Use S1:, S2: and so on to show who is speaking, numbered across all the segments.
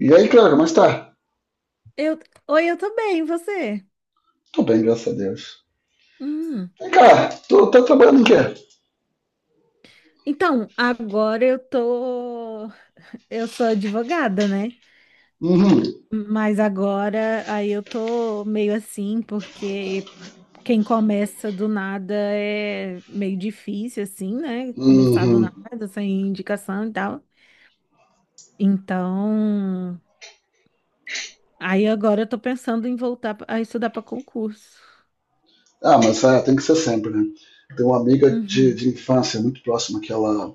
S1: E aí, cara, mas tá?
S2: Eu, Oi, eu tô bem, e você?
S1: Tô bem, graças a Deus.
S2: Hum.
S1: Vem cá, tu tá trabalhando em quê?
S2: Então, eu sou advogada, né?
S1: Uhum,
S2: Mas agora aí eu tô meio assim, porque quem começa do nada é meio difícil assim, né? Começar do
S1: uhum.
S2: nada, sem indicação e tal. Então, aí agora eu tô pensando em voltar a estudar para concurso.
S1: Ah, mas tem que ser sempre, né? Tem uma amiga de,
S2: Uhum,
S1: de infância muito próxima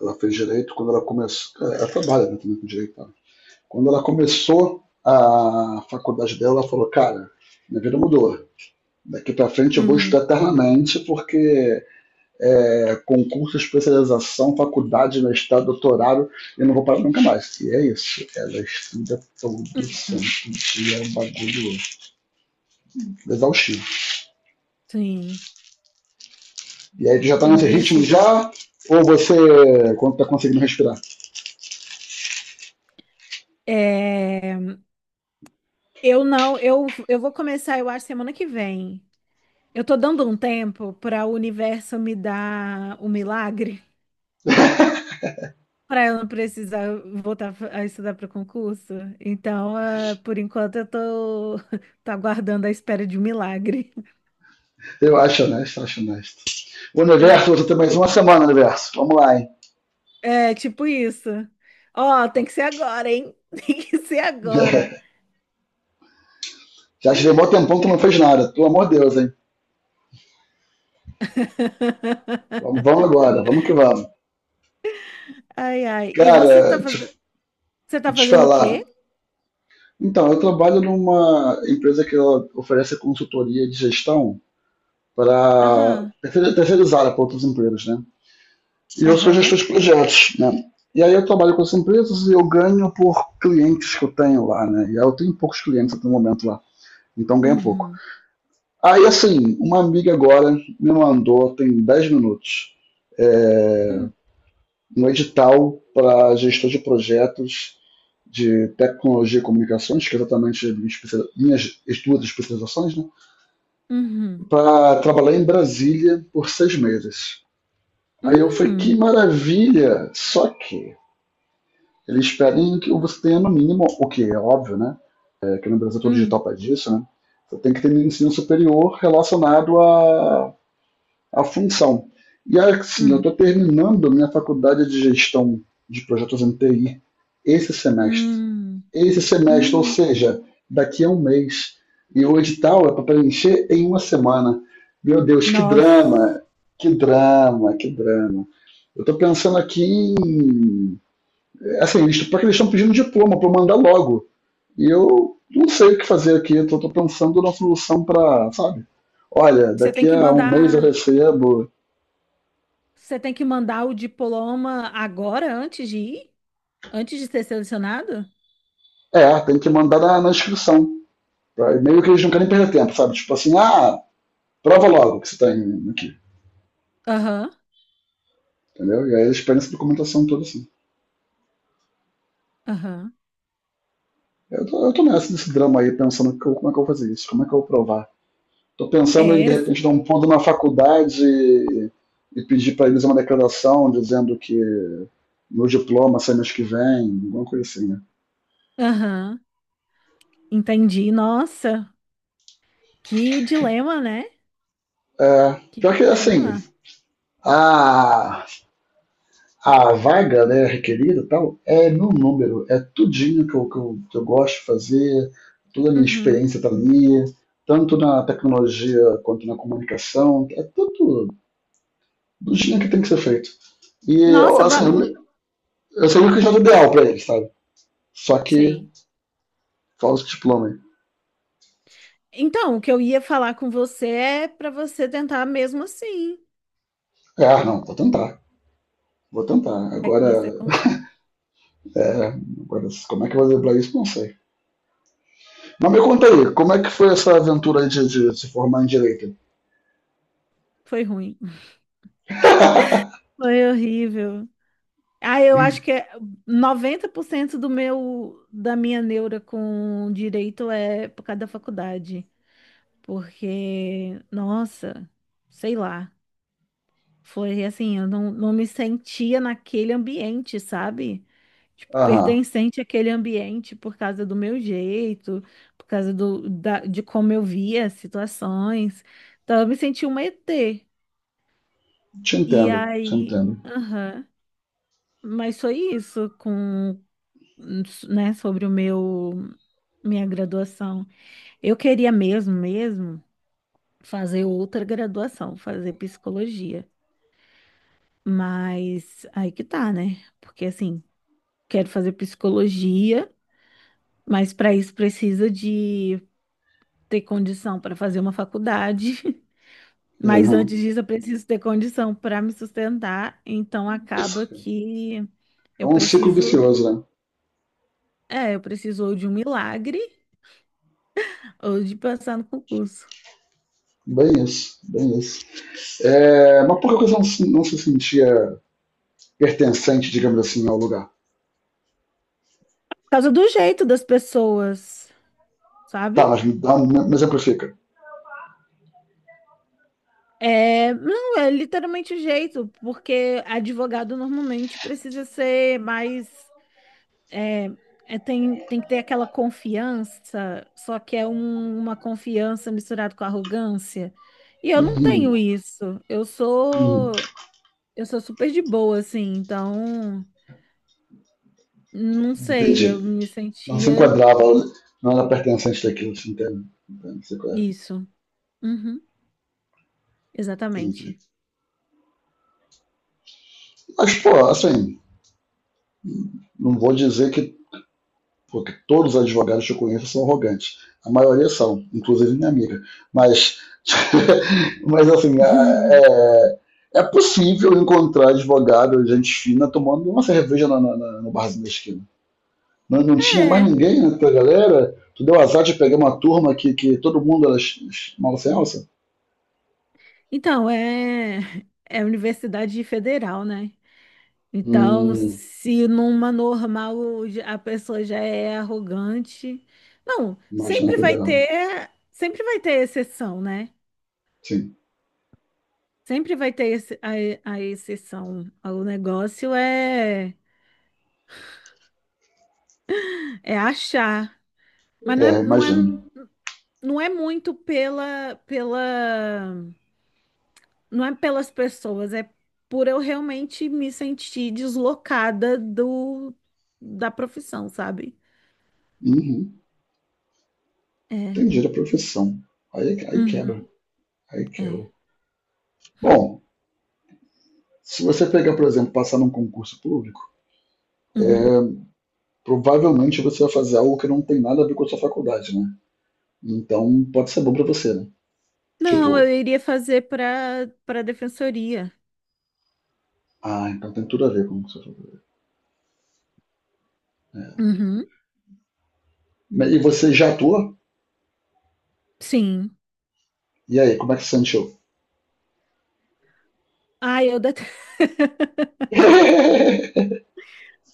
S1: ela fez direito quando ela começou. Ela trabalha, né, também com direito, tá? Quando ela começou a faculdade dela, ela falou: "Cara, minha vida mudou. Daqui pra frente eu vou
S2: uhum,
S1: estudar eternamente porque concurso, especialização, faculdade, mestrado, doutorado, eu não vou parar nunca mais." E é isso. Ela estuda todo santo
S2: uhum.
S1: dia, é um bagulho exaustivo.
S2: Sim,
S1: E aí tu já tá nesse ritmo
S2: compreensível.
S1: já, ou você, quando tá conseguindo respirar?
S2: É... Eu não, eu vou começar, eu acho, semana que vem. Eu tô dando um tempo para o universo me dar o milagre, para eu não precisar voltar a estudar para o concurso. Então, por enquanto, eu tô, tô aguardando a espera de um milagre.
S1: Eu acho honesto, acho honesto. O
S2: É,
S1: universo, você tem mais uma semana, universo. Vamos lá, hein?
S2: tipo isso. Ó, tem que ser agora, hein? Tem que ser agora.
S1: Já te deu um bom tempão que tu não fez nada. Pelo amor de Deus, hein? Vamos agora, vamos que vamos.
S2: Ai, ai. E
S1: Cara,
S2: você tá
S1: te
S2: fazendo o
S1: falar,
S2: quê?
S1: Então, eu trabalho numa empresa que ela oferece consultoria de gestão para
S2: Aham,
S1: terceirizada para outros empregos, né? E eu sou
S2: aham.
S1: gestor de projetos, né? E aí eu trabalho com essas empresas e eu ganho por clientes que eu tenho lá, né? E aí eu tenho poucos clientes até o momento lá, então ganho pouco.
S2: Uhum.
S1: Aí, assim, uma amiga agora me mandou, tem 10 minutos, é,
S2: Uhum.
S1: um edital para gestor de projetos de tecnologia e comunicações, que é exatamente minhas duas especializações, né?
S2: Uhum.
S1: Para trabalhar em Brasília por 6 meses. Aí eu falei, que
S2: Hum,
S1: maravilha! Só que eles pedem que você tenha, no mínimo, o que é óbvio, né? É, que no Brasil é todo digital
S2: hum,
S1: para disso, né? Você tem que ter um ensino superior relacionado à, à função. E assim, eu
S2: hum,
S1: estou terminando minha faculdade de gestão de projetos em TI esse semestre.
S2: hum,
S1: Esse semestre, ou
S2: hum.
S1: seja, daqui a 1 mês. E o edital é para preencher em 1 semana. Meu Deus, que
S2: Nossa.
S1: drama! Que drama, que drama. Eu estou pensando aqui em. Assim, eles, porque eles estão pedindo diploma para eu mandar logo. E eu não sei o que fazer aqui. Eu estou pensando numa solução para, sabe? Olha,
S2: Você tem
S1: daqui
S2: que
S1: a 1 mês eu
S2: mandar,
S1: recebo.
S2: você tem que mandar o diploma agora, antes de ir? Antes de ser selecionado?
S1: É, tem que mandar na inscrição. Tá? E meio que eles não querem perder tempo, sabe? Tipo assim, ah, prova logo que você tem aqui.
S2: Aham,
S1: Entendeu? E aí eles pedem essa documentação toda assim.
S2: aham.
S1: Eu tô nessa, desse drama aí, pensando como é que eu vou fazer isso, como é que eu vou provar. Tô pensando em,
S2: É,
S1: de
S2: s-
S1: repente, dar um pulo na faculdade e pedir pra eles uma declaração dizendo que meu diploma sai mês que vem, alguma coisa assim, né?
S2: aham. Entendi. Nossa, que dilema, né?
S1: É,
S2: Que
S1: pior que, assim,
S2: dilema.
S1: a, a vaga, né, requerida e tal, é meu número, é tudinho que eu gosto de fazer, toda a minha
S2: Uhum.
S1: experiência tá ali, tanto na tecnologia quanto na comunicação, é tudo do jeito que tem que ser feito. E,
S2: Nossa,
S1: assim, eu sei o que já é o ideal pra ele, sabe? Só que
S2: sei.
S1: falta o diploma aí.
S2: Então, o que eu ia falar com você é para você tentar mesmo assim.
S1: É, ah, não, vou tentar. Vou tentar.
S2: Como é que você
S1: Agora,
S2: consegue?
S1: é, agora, como é que eu vou driblar isso? Não sei. Mas me conta aí, como é que foi essa aventura aí de se formar em Direito?
S2: Foi ruim. Foi horrível. Ah, eu acho que é 90% do meu da minha neura com direito é por causa da faculdade, porque nossa, sei lá, foi assim, eu não me sentia naquele ambiente, sabe? Tipo,
S1: Aham,
S2: pertencente àquele ambiente por causa do meu jeito, por causa de como eu via as situações. Então eu me senti uma ET.
S1: te
S2: E
S1: entendo, te
S2: aí,
S1: entendo.
S2: aham, mas foi isso com né, sobre o meu minha graduação. Eu queria mesmo, mesmo fazer outra graduação, fazer psicologia. Mas aí que tá, né? Porque assim, quero fazer psicologia, mas para isso precisa de ter condição para fazer uma faculdade.
S1: É,
S2: Mas
S1: não,
S2: antes disso, eu preciso ter condição para me sustentar, então acaba
S1: isso é
S2: que eu
S1: um ciclo
S2: preciso,
S1: vicioso, né?
S2: eu preciso ou de um milagre ou de passar no concurso.
S1: Bem isso, bem isso. É, mas por que você não, não se sentia pertencente, digamos assim, ao lugar?
S2: Por causa do jeito das pessoas,
S1: Tá,
S2: sabe?
S1: mas me exemplifica.
S2: É, não, é literalmente o jeito, porque advogado normalmente precisa ser mais. É, tem que ter aquela confiança, só que é uma confiança misturada com arrogância. E eu não
S1: Hum,
S2: tenho isso. Eu
S1: Hum,
S2: sou, eu sou super de boa, assim, então não sei, eu
S1: entendi.
S2: me
S1: Não se
S2: sentia
S1: enquadrava, não era pertencente daquilo, assim, entende? Entende? Sei qual é.
S2: isso. Uhum,
S1: Entendi.
S2: exatamente.
S1: Mas, pô, assim, não vou dizer que, pô, que todos os advogados que eu conheço são arrogantes. A maioria são, inclusive minha amiga. Mas, mas assim, é, é é possível encontrar advogado, gente fina, tomando uma cerveja no barzinho da esquina. Não, não tinha mais
S2: É.
S1: ninguém na tua galera. Tu deu azar de pegar uma turma que todo mundo era mal sem alça?
S2: Então, é universidade federal, né? Então,
S1: Hum,
S2: se a pessoa já é arrogante, não,
S1: Mas na
S2: sempre vai
S1: federal.
S2: ter, sempre vai ter exceção, né?
S1: Sim.
S2: Sempre vai ter a exceção. O negócio é achar, mas não é,
S1: É,
S2: não é,
S1: imagino.
S2: não é muito pela não é pelas pessoas, é por eu realmente me sentir deslocada do da profissão, sabe?
S1: Uhum.
S2: É.
S1: Entendi a profissão. Aí, aí quebra.
S2: Uhum,
S1: Aí
S2: é.
S1: quebra. Bom, se você pegar, por exemplo, passar num concurso público,
S2: Uhum.
S1: provavelmente você vai fazer algo que não tem nada a ver com a sua faculdade, né? Então pode ser bom pra você, né?
S2: Não, eu
S1: Tipo,
S2: iria fazer para defensoria.
S1: ah, então tem tudo a ver com a sua faculdade.
S2: Uhum.
S1: Mas- e você já atua?
S2: Sim.
S1: E aí, como é que você sentiu?
S2: Ai, eu detesto.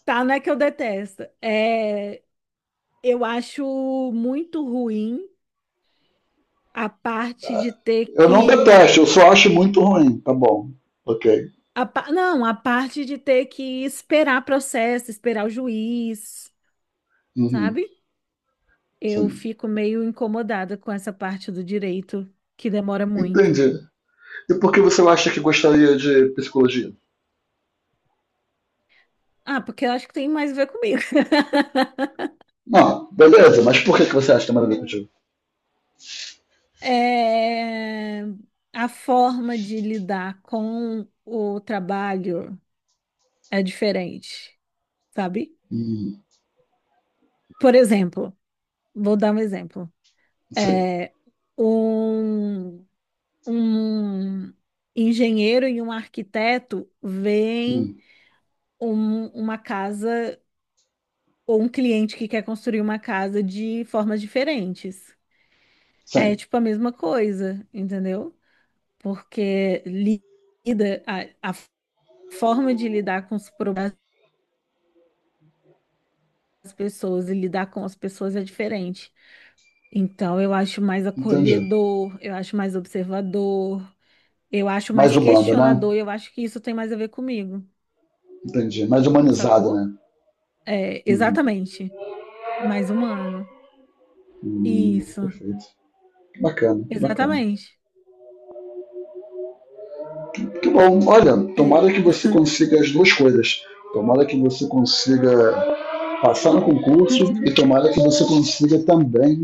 S2: Tá, não é que eu detesto. É, eu acho muito ruim a parte de ter
S1: Eu não
S2: que
S1: detesto, eu só acho muito ruim. Tá bom. Ok.
S2: a pa- Não, a parte de ter que esperar processo, esperar o juiz,
S1: Uhum.
S2: sabe? Eu
S1: Sim.
S2: fico meio incomodada com essa parte do direito que demora muito.
S1: Entendi. E por que você acha que gostaria de psicologia?
S2: Ah, porque eu acho que tem mais a ver comigo.
S1: Não, beleza, mas por que, que você acha que tem nada a ver
S2: Hum.
S1: contigo?
S2: É, A forma de lidar com o trabalho é diferente, sabe?
S1: Hum,
S2: Por exemplo, vou dar um exemplo.
S1: sim,
S2: É, um, um engenheiro e um arquiteto veem
S1: hum,
S2: uma casa. Ou um cliente que quer construir uma casa de formas diferentes. É
S1: sim,
S2: tipo a mesma coisa, entendeu? Porque a forma de lidar com os problemas das pessoas e lidar com as pessoas é diferente. Então eu acho mais
S1: entendi.
S2: acolhedor, eu acho mais observador, eu acho
S1: Mais
S2: mais
S1: humano, né?
S2: questionador, e eu acho que isso tem mais a ver comigo,
S1: Entendi. Mais humanizado,
S2: sacou?
S1: né?
S2: É,
S1: Hum,
S2: exatamente, mais humano. Isso,
S1: perfeito. Que bacana, que bacana.
S2: exatamente.
S1: Que bom, olha,
S2: É.
S1: tomara que você consiga as duas coisas. Tomara que você consiga passar no concurso e tomara que você consiga também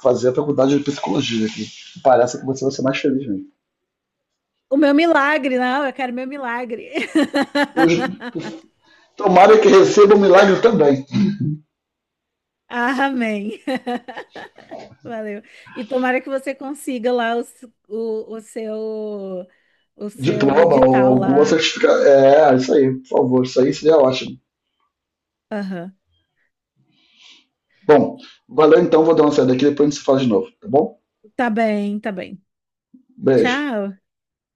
S1: fazer a faculdade de psicologia, que parece que você vai ser mais feliz mesmo.
S2: O meu milagre, não, eu quero meu milagre.
S1: Hoje, tomara que receba um milagre também.
S2: Amém. Valeu. E tomara que você consiga lá o, s- o seu
S1: Diploma ou
S2: edital
S1: alguma
S2: lá.
S1: certificação. É, isso aí, por favor. Isso aí seria ótimo.
S2: Aham.
S1: Bom, valeu então, vou dar uma saída aqui, depois a gente se fala de novo, tá bom?
S2: Tá bem, tá bem.
S1: Beijo.
S2: Tchau.